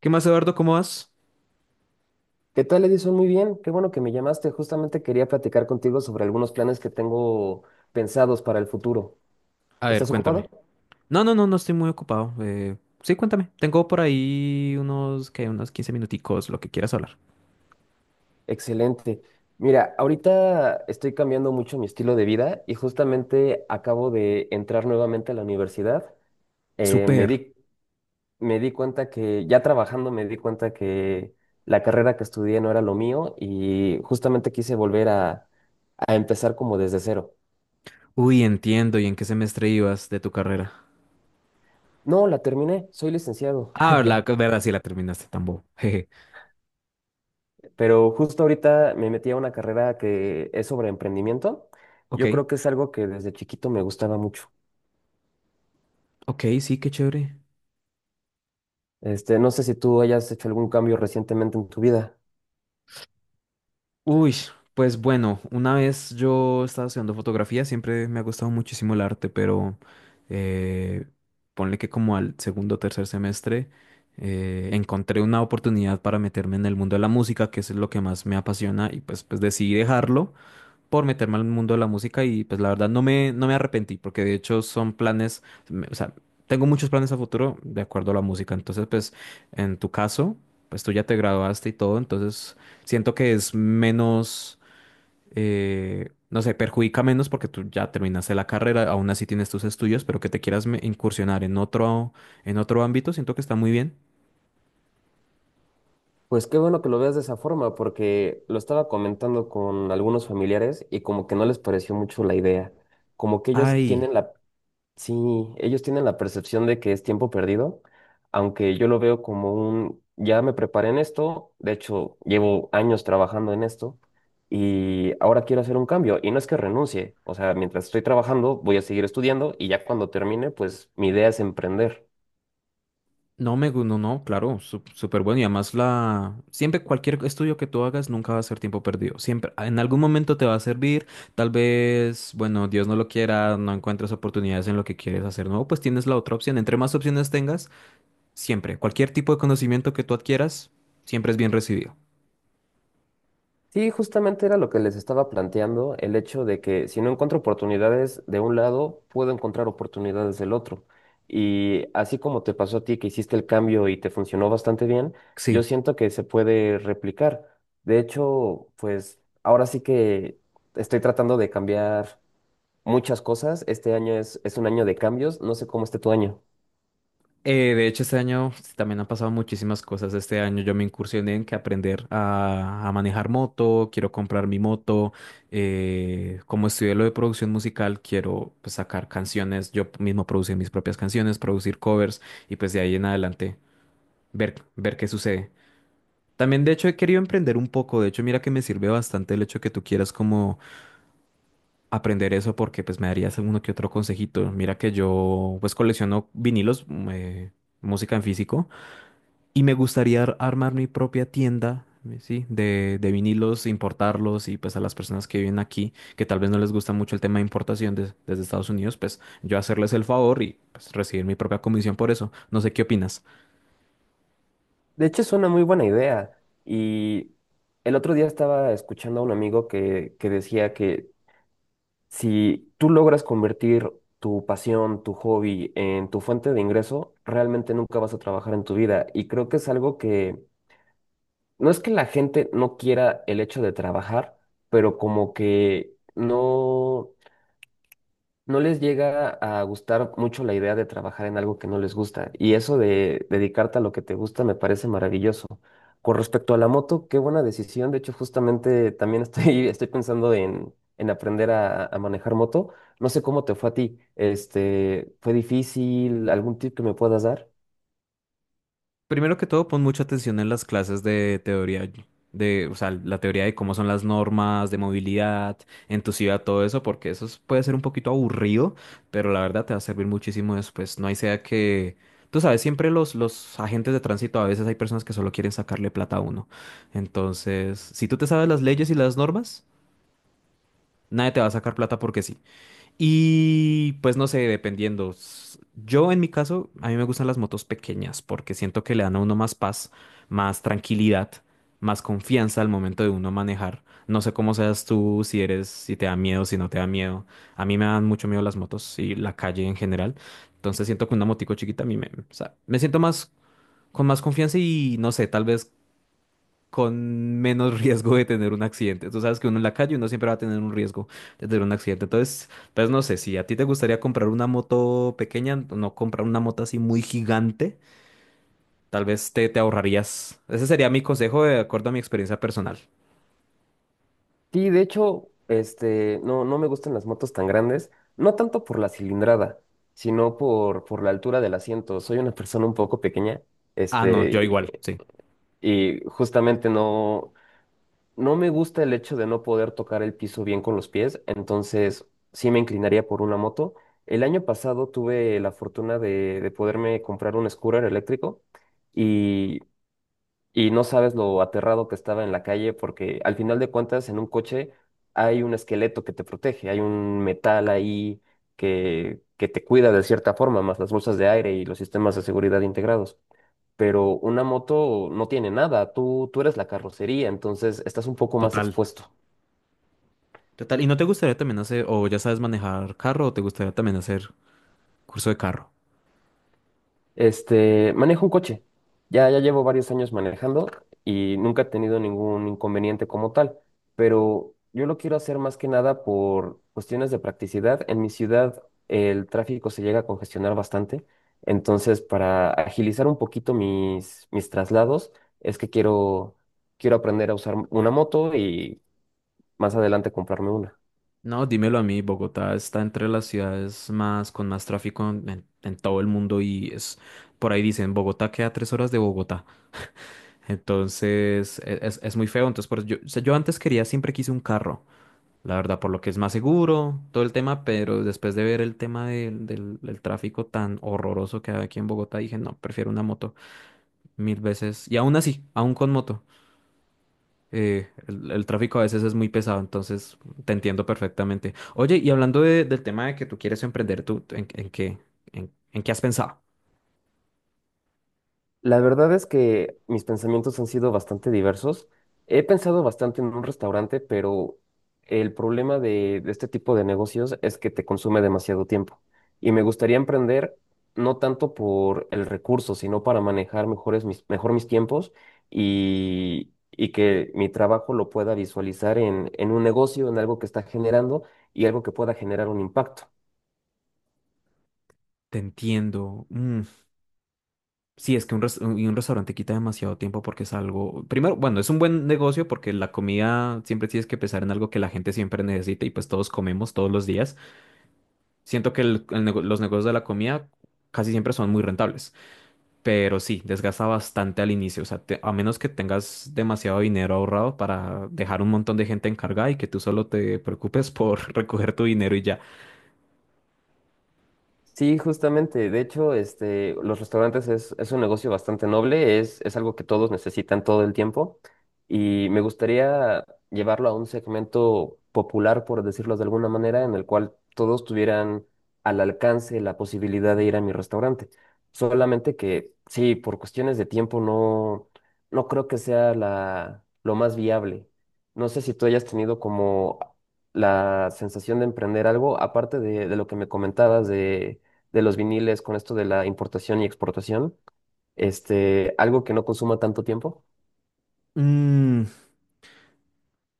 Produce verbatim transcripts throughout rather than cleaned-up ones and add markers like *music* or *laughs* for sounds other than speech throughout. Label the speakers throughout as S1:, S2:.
S1: ¿Qué más, Eduardo? ¿Cómo vas?
S2: ¿Qué tal, Edison? Muy bien, qué bueno que me llamaste. Justamente quería platicar contigo sobre algunos planes que tengo pensados para el futuro.
S1: A ver,
S2: ¿Estás ocupado?
S1: cuéntame. No, no, no, no estoy muy ocupado. Eh, sí, cuéntame. Tengo por ahí unos, que unos quince minuticos, lo que quieras hablar.
S2: Excelente. Mira, ahorita estoy cambiando mucho mi estilo de vida y justamente acabo de entrar nuevamente a la universidad. Eh, me
S1: Super.
S2: di, Me di cuenta que, ya trabajando, me di cuenta que la carrera que estudié no era lo mío y justamente quise volver a, a empezar como desde cero.
S1: Uy, entiendo. ¿Y en qué semestre ibas de tu carrera?
S2: No, la terminé, soy licenciado,
S1: Ah,
S2: *laughs*
S1: la
S2: ya.
S1: verdad, sí la terminaste tan bobo. *laughs* Jeje.
S2: Pero justo ahorita me metí a una carrera que es sobre emprendimiento.
S1: Ok,
S2: Yo creo que es algo que desde chiquito me gustaba mucho.
S1: ok, sí, qué chévere.
S2: Este, no sé si tú hayas hecho algún cambio recientemente en tu vida.
S1: Uy, pues bueno, una vez yo estaba estudiando fotografía, siempre me ha gustado muchísimo el arte, pero, eh, ponle que como al segundo o tercer semestre, eh, encontré una oportunidad para meterme en el mundo de la música, que es lo que más me apasiona, y pues, pues decidí dejarlo por meterme al mundo de la música y pues la verdad no me, no me arrepentí porque de hecho son planes, me- o sea, tengo muchos planes a futuro de acuerdo a la música. Entonces, pues en tu caso, pues tú ya te graduaste y todo, entonces siento que es menos, eh, no sé, perjudica menos porque tú ya terminaste la carrera, aún así tienes tus estudios, pero que te quieras me- incursionar en otro, en otro ámbito, siento que está muy bien.
S2: Pues qué bueno que lo veas de esa forma, porque lo estaba comentando con algunos familiares y como que no les pareció mucho la idea. Como que ellos
S1: Ay.
S2: tienen la. Sí, ellos tienen la percepción de que es tiempo perdido, aunque yo lo veo como un, ya me preparé en esto, de hecho llevo años trabajando en esto y ahora quiero hacer un cambio y no es que renuncie, o sea, mientras estoy trabajando voy a seguir estudiando y ya cuando termine, pues mi idea es emprender.
S1: No me, gu- no, no, claro, su- súper bueno. Y además la, siempre cualquier estudio que tú hagas nunca va a ser tiempo perdido. Siempre, en algún momento te va a servir. Tal vez, bueno, Dios no lo quiera, no encuentres oportunidades en lo que quieres hacer nuevo, pues tienes la otra opción. Entre más opciones tengas, siempre, cualquier tipo de conocimiento que tú adquieras, siempre es bien recibido.
S2: Sí, justamente era lo que les estaba planteando, el hecho de que si no encuentro oportunidades de un lado, puedo encontrar oportunidades del otro. Y así como te pasó a ti que hiciste el cambio y te funcionó bastante bien,
S1: Sí.
S2: yo siento que se puede replicar. De hecho, pues ahora sí que estoy tratando de cambiar muchas cosas. Este año es, es un año de cambios, no sé cómo esté tu año.
S1: Eh, de hecho, este año también han pasado muchísimas cosas. Este año yo me incursioné en que aprender a, a manejar moto, quiero comprar mi moto. Eh, como estudié lo de producción musical, quiero pues, sacar canciones, yo mismo producir mis propias canciones, producir covers y pues de ahí en adelante ver, ver qué sucede. También, de hecho, he querido emprender un poco. De hecho, mira que me sirve bastante el hecho que tú quieras como aprender eso porque pues me darías alguno que otro consejito. Mira que yo pues colecciono vinilos, eh, música en físico. Y me gustaría ar- armar mi propia tienda, eh, ¿sí? De, de vinilos, importarlos y pues a las personas que viven aquí, que tal vez no les gusta mucho el tema de importación des- desde Estados Unidos, pues yo hacerles el favor y pues recibir mi propia comisión por eso. No sé qué opinas.
S2: De hecho, es una muy buena idea. Y el otro día estaba escuchando a un amigo que, que decía que si tú logras convertir tu pasión, tu hobby en tu fuente de ingreso, realmente nunca vas a trabajar en tu vida. Y creo que es algo que no es que la gente no quiera el hecho de trabajar, pero como que no no les llega a gustar mucho la idea de trabajar en algo que no les gusta. Y eso de dedicarte a lo que te gusta me parece maravilloso. Con respecto a la moto, qué buena decisión. De hecho, justamente también estoy, *laughs* estoy pensando en, en aprender a, a manejar moto. No sé cómo te fue a ti. Este, ¿fue difícil? ¿Algún tip que me puedas dar?
S1: Primero que todo, pon mucha atención en las clases de teoría, de, o sea, la teoría de cómo son las normas de movilidad en tu ciudad, todo eso, porque eso es- puede ser un poquito aburrido, pero la verdad te va a servir muchísimo después. No hay sea que, tú sabes, siempre los, los agentes de tránsito, a veces hay personas que solo quieren sacarle plata a uno. Entonces, si tú te sabes las leyes y las normas, nadie te va a sacar plata porque sí. Y pues no sé, dependiendo. S- Yo en mi caso, a mí me gustan las motos pequeñas porque siento que le dan a uno más paz, más tranquilidad, más confianza al momento de uno manejar. No sé cómo seas tú, si eres, si te da miedo, si no te da miedo. A mí me dan mucho miedo las motos y la calle en general. Entonces siento que una motico chiquita a mí me, o sea, me siento más con más confianza y no sé, tal vez con menos *laughs* riesgo de tener un accidente. Tú sabes que uno en la calle uno siempre va a tener un riesgo de tener un accidente. Entonces, pues no sé, si a ti te gustaría comprar una moto pequeña, no comprar una moto así muy gigante, tal vez te, te ahorrarías. Ese sería mi consejo de acuerdo a mi experiencia personal.
S2: Sí, de hecho, este, no, no me gustan las motos tan grandes, no tanto por, la cilindrada, sino por, por la altura del asiento. Soy una persona un poco pequeña.
S1: Ah, no, yo
S2: Este,
S1: igual, sí,
S2: Y justamente no, no me gusta el hecho de no poder tocar el piso bien con los pies, entonces sí me inclinaría por una moto. El año pasado tuve la fortuna de, de poderme comprar un scooter eléctrico y, y no sabes lo aterrado que estaba en la calle porque al final de cuentas en un coche hay un esqueleto que te protege, hay un metal ahí que, que te cuida de cierta forma, más las bolsas de aire y los sistemas de seguridad integrados, pero una moto no tiene nada, tú, tú eres la carrocería, entonces estás un poco más
S1: total,
S2: expuesto.
S1: total. ¿Y no te gustaría también hacer, o ya sabes manejar carro, o te gustaría también hacer curso de carro?
S2: Este, manejo un coche, ya, ya llevo varios años manejando y nunca he tenido ningún inconveniente como tal, pero yo lo quiero hacer más que nada por cuestiones de practicidad. En mi ciudad el tráfico se llega a congestionar bastante, entonces para agilizar un poquito mis, mis traslados es que quiero, quiero aprender a usar una moto y más adelante comprarme una.
S1: No, dímelo a mí, Bogotá está entre las ciudades más con más tráfico en, en- en todo el mundo y es por ahí dicen Bogotá queda tres horas de Bogotá. Entonces e- es, es muy feo. Entonces, por eso yo, o sea, yo antes quería, siempre quise un carro, la verdad, por lo que es más seguro, todo el tema, pero después de ver el tema del, del- del tráfico tan horroroso que hay aquí en Bogotá, dije, no, prefiero una moto mil veces. Y aún así, aún con moto. Eh, el, el tráfico a veces es muy pesado, entonces te entiendo perfectamente. Oye, y hablando de- del tema de que tú quieres emprender, ¿tú en, en qué, en, en qué has pensado?
S2: La verdad es que mis pensamientos han sido bastante diversos. He pensado bastante en un restaurante, pero el problema de, de este tipo de negocios es que te consume demasiado tiempo. Y me gustaría emprender no tanto por el recurso, sino para manejar mejores mis, mejor mis tiempos y, y que mi trabajo lo pueda visualizar en, en un negocio, en algo que está generando y algo que pueda generar un impacto.
S1: Te entiendo. Mm. Sí, es que un, res- un y un restaurante quita demasiado tiempo porque es algo. Primero, bueno, es un buen negocio porque la comida siempre tienes que pensar en algo que la gente siempre necesita y pues todos comemos todos los días. Siento que el- el nego- los negocios de la comida casi siempre son muy rentables. Pero sí, desgasta bastante al inicio. O sea, te- a menos que tengas demasiado dinero ahorrado para dejar un montón de gente encargada y que tú solo te preocupes por *laughs* recoger tu dinero y ya.
S2: Sí, justamente. De hecho, este, los restaurantes es, es un negocio bastante noble, es, es algo que todos necesitan todo el tiempo y me gustaría llevarlo a un segmento popular, por decirlo de alguna manera, en el cual todos tuvieran al alcance la posibilidad de ir a mi restaurante. Solamente que, sí, por cuestiones de tiempo no, no creo que sea la, lo más viable. No sé si tú hayas tenido como la sensación de emprender algo, aparte de, de lo que me comentabas de, de los viniles con esto de la importación y exportación, este, algo que no consuma tanto tiempo.
S1: Mm,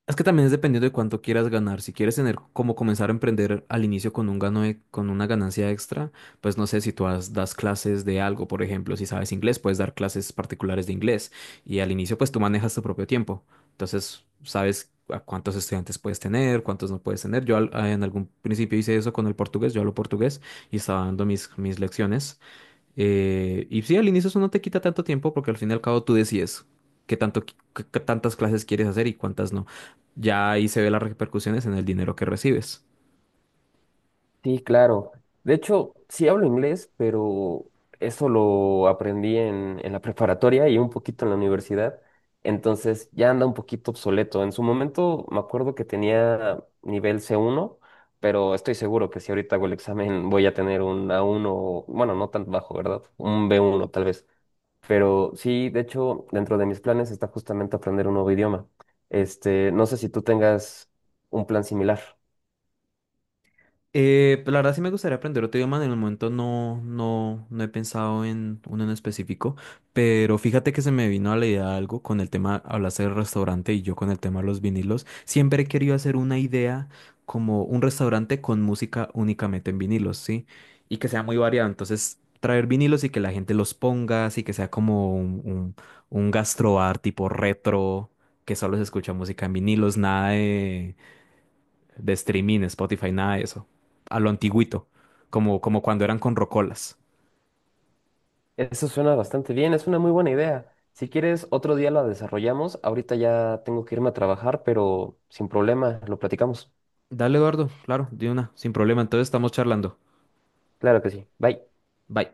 S1: Es que también es dependiendo de cuánto quieras ganar. Si quieres tener como comenzar a emprender al inicio con un gano e- con una ganancia extra, pues no sé si tú has- das clases de algo, por ejemplo, si sabes inglés, puedes dar clases particulares de inglés y al inicio pues tú manejas tu propio tiempo. Entonces, sabes a cuántos estudiantes puedes tener, cuántos no puedes tener. Yo al- en algún principio hice eso con el portugués, yo hablo portugués y estaba dando mis, mis lecciones. Eh, y sí, al inicio eso no te quita tanto tiempo porque al fin y al cabo tú decides qué tanto, qui- qué- qué tantas clases quieres hacer y cuántas no. Ya ahí se ve las repercusiones en el dinero que recibes.
S2: Sí, claro. De hecho, sí hablo inglés, pero eso lo aprendí en, en la preparatoria y un poquito en la universidad. Entonces ya anda un poquito obsoleto. En su momento me acuerdo que tenía nivel c uno, pero estoy seguro que si ahorita hago el examen voy a tener un a uno bueno, no tan bajo, ¿verdad? Un b uno tal vez. Pero sí, de hecho, dentro de mis planes está justamente aprender un nuevo idioma. Este, no sé si tú tengas un plan similar.
S1: Eh, pues la verdad sí me gustaría aprender otro idioma, en el momento no, no, no he pensado en uno en específico, pero fíjate que se me vino a la idea algo con el tema, hablaste del restaurante y yo con el tema de los vinilos, siempre he querido hacer una idea como un restaurante con música únicamente en vinilos, ¿sí? Y que sea muy variado, entonces traer vinilos y que la gente los ponga, así que sea como un, un, un, gastrobar tipo retro, que solo se escucha música en vinilos, nada de streaming, Spotify, nada de eso. A lo antiguito, como, como cuando eran con rocolas.
S2: Eso suena bastante bien, es una muy buena idea. Si quieres, otro día la desarrollamos. Ahorita ya tengo que irme a trabajar, pero sin problema, lo platicamos.
S1: Dale, Eduardo, claro, de una, sin problema. Entonces estamos charlando.
S2: Claro que sí. Bye.
S1: Bye.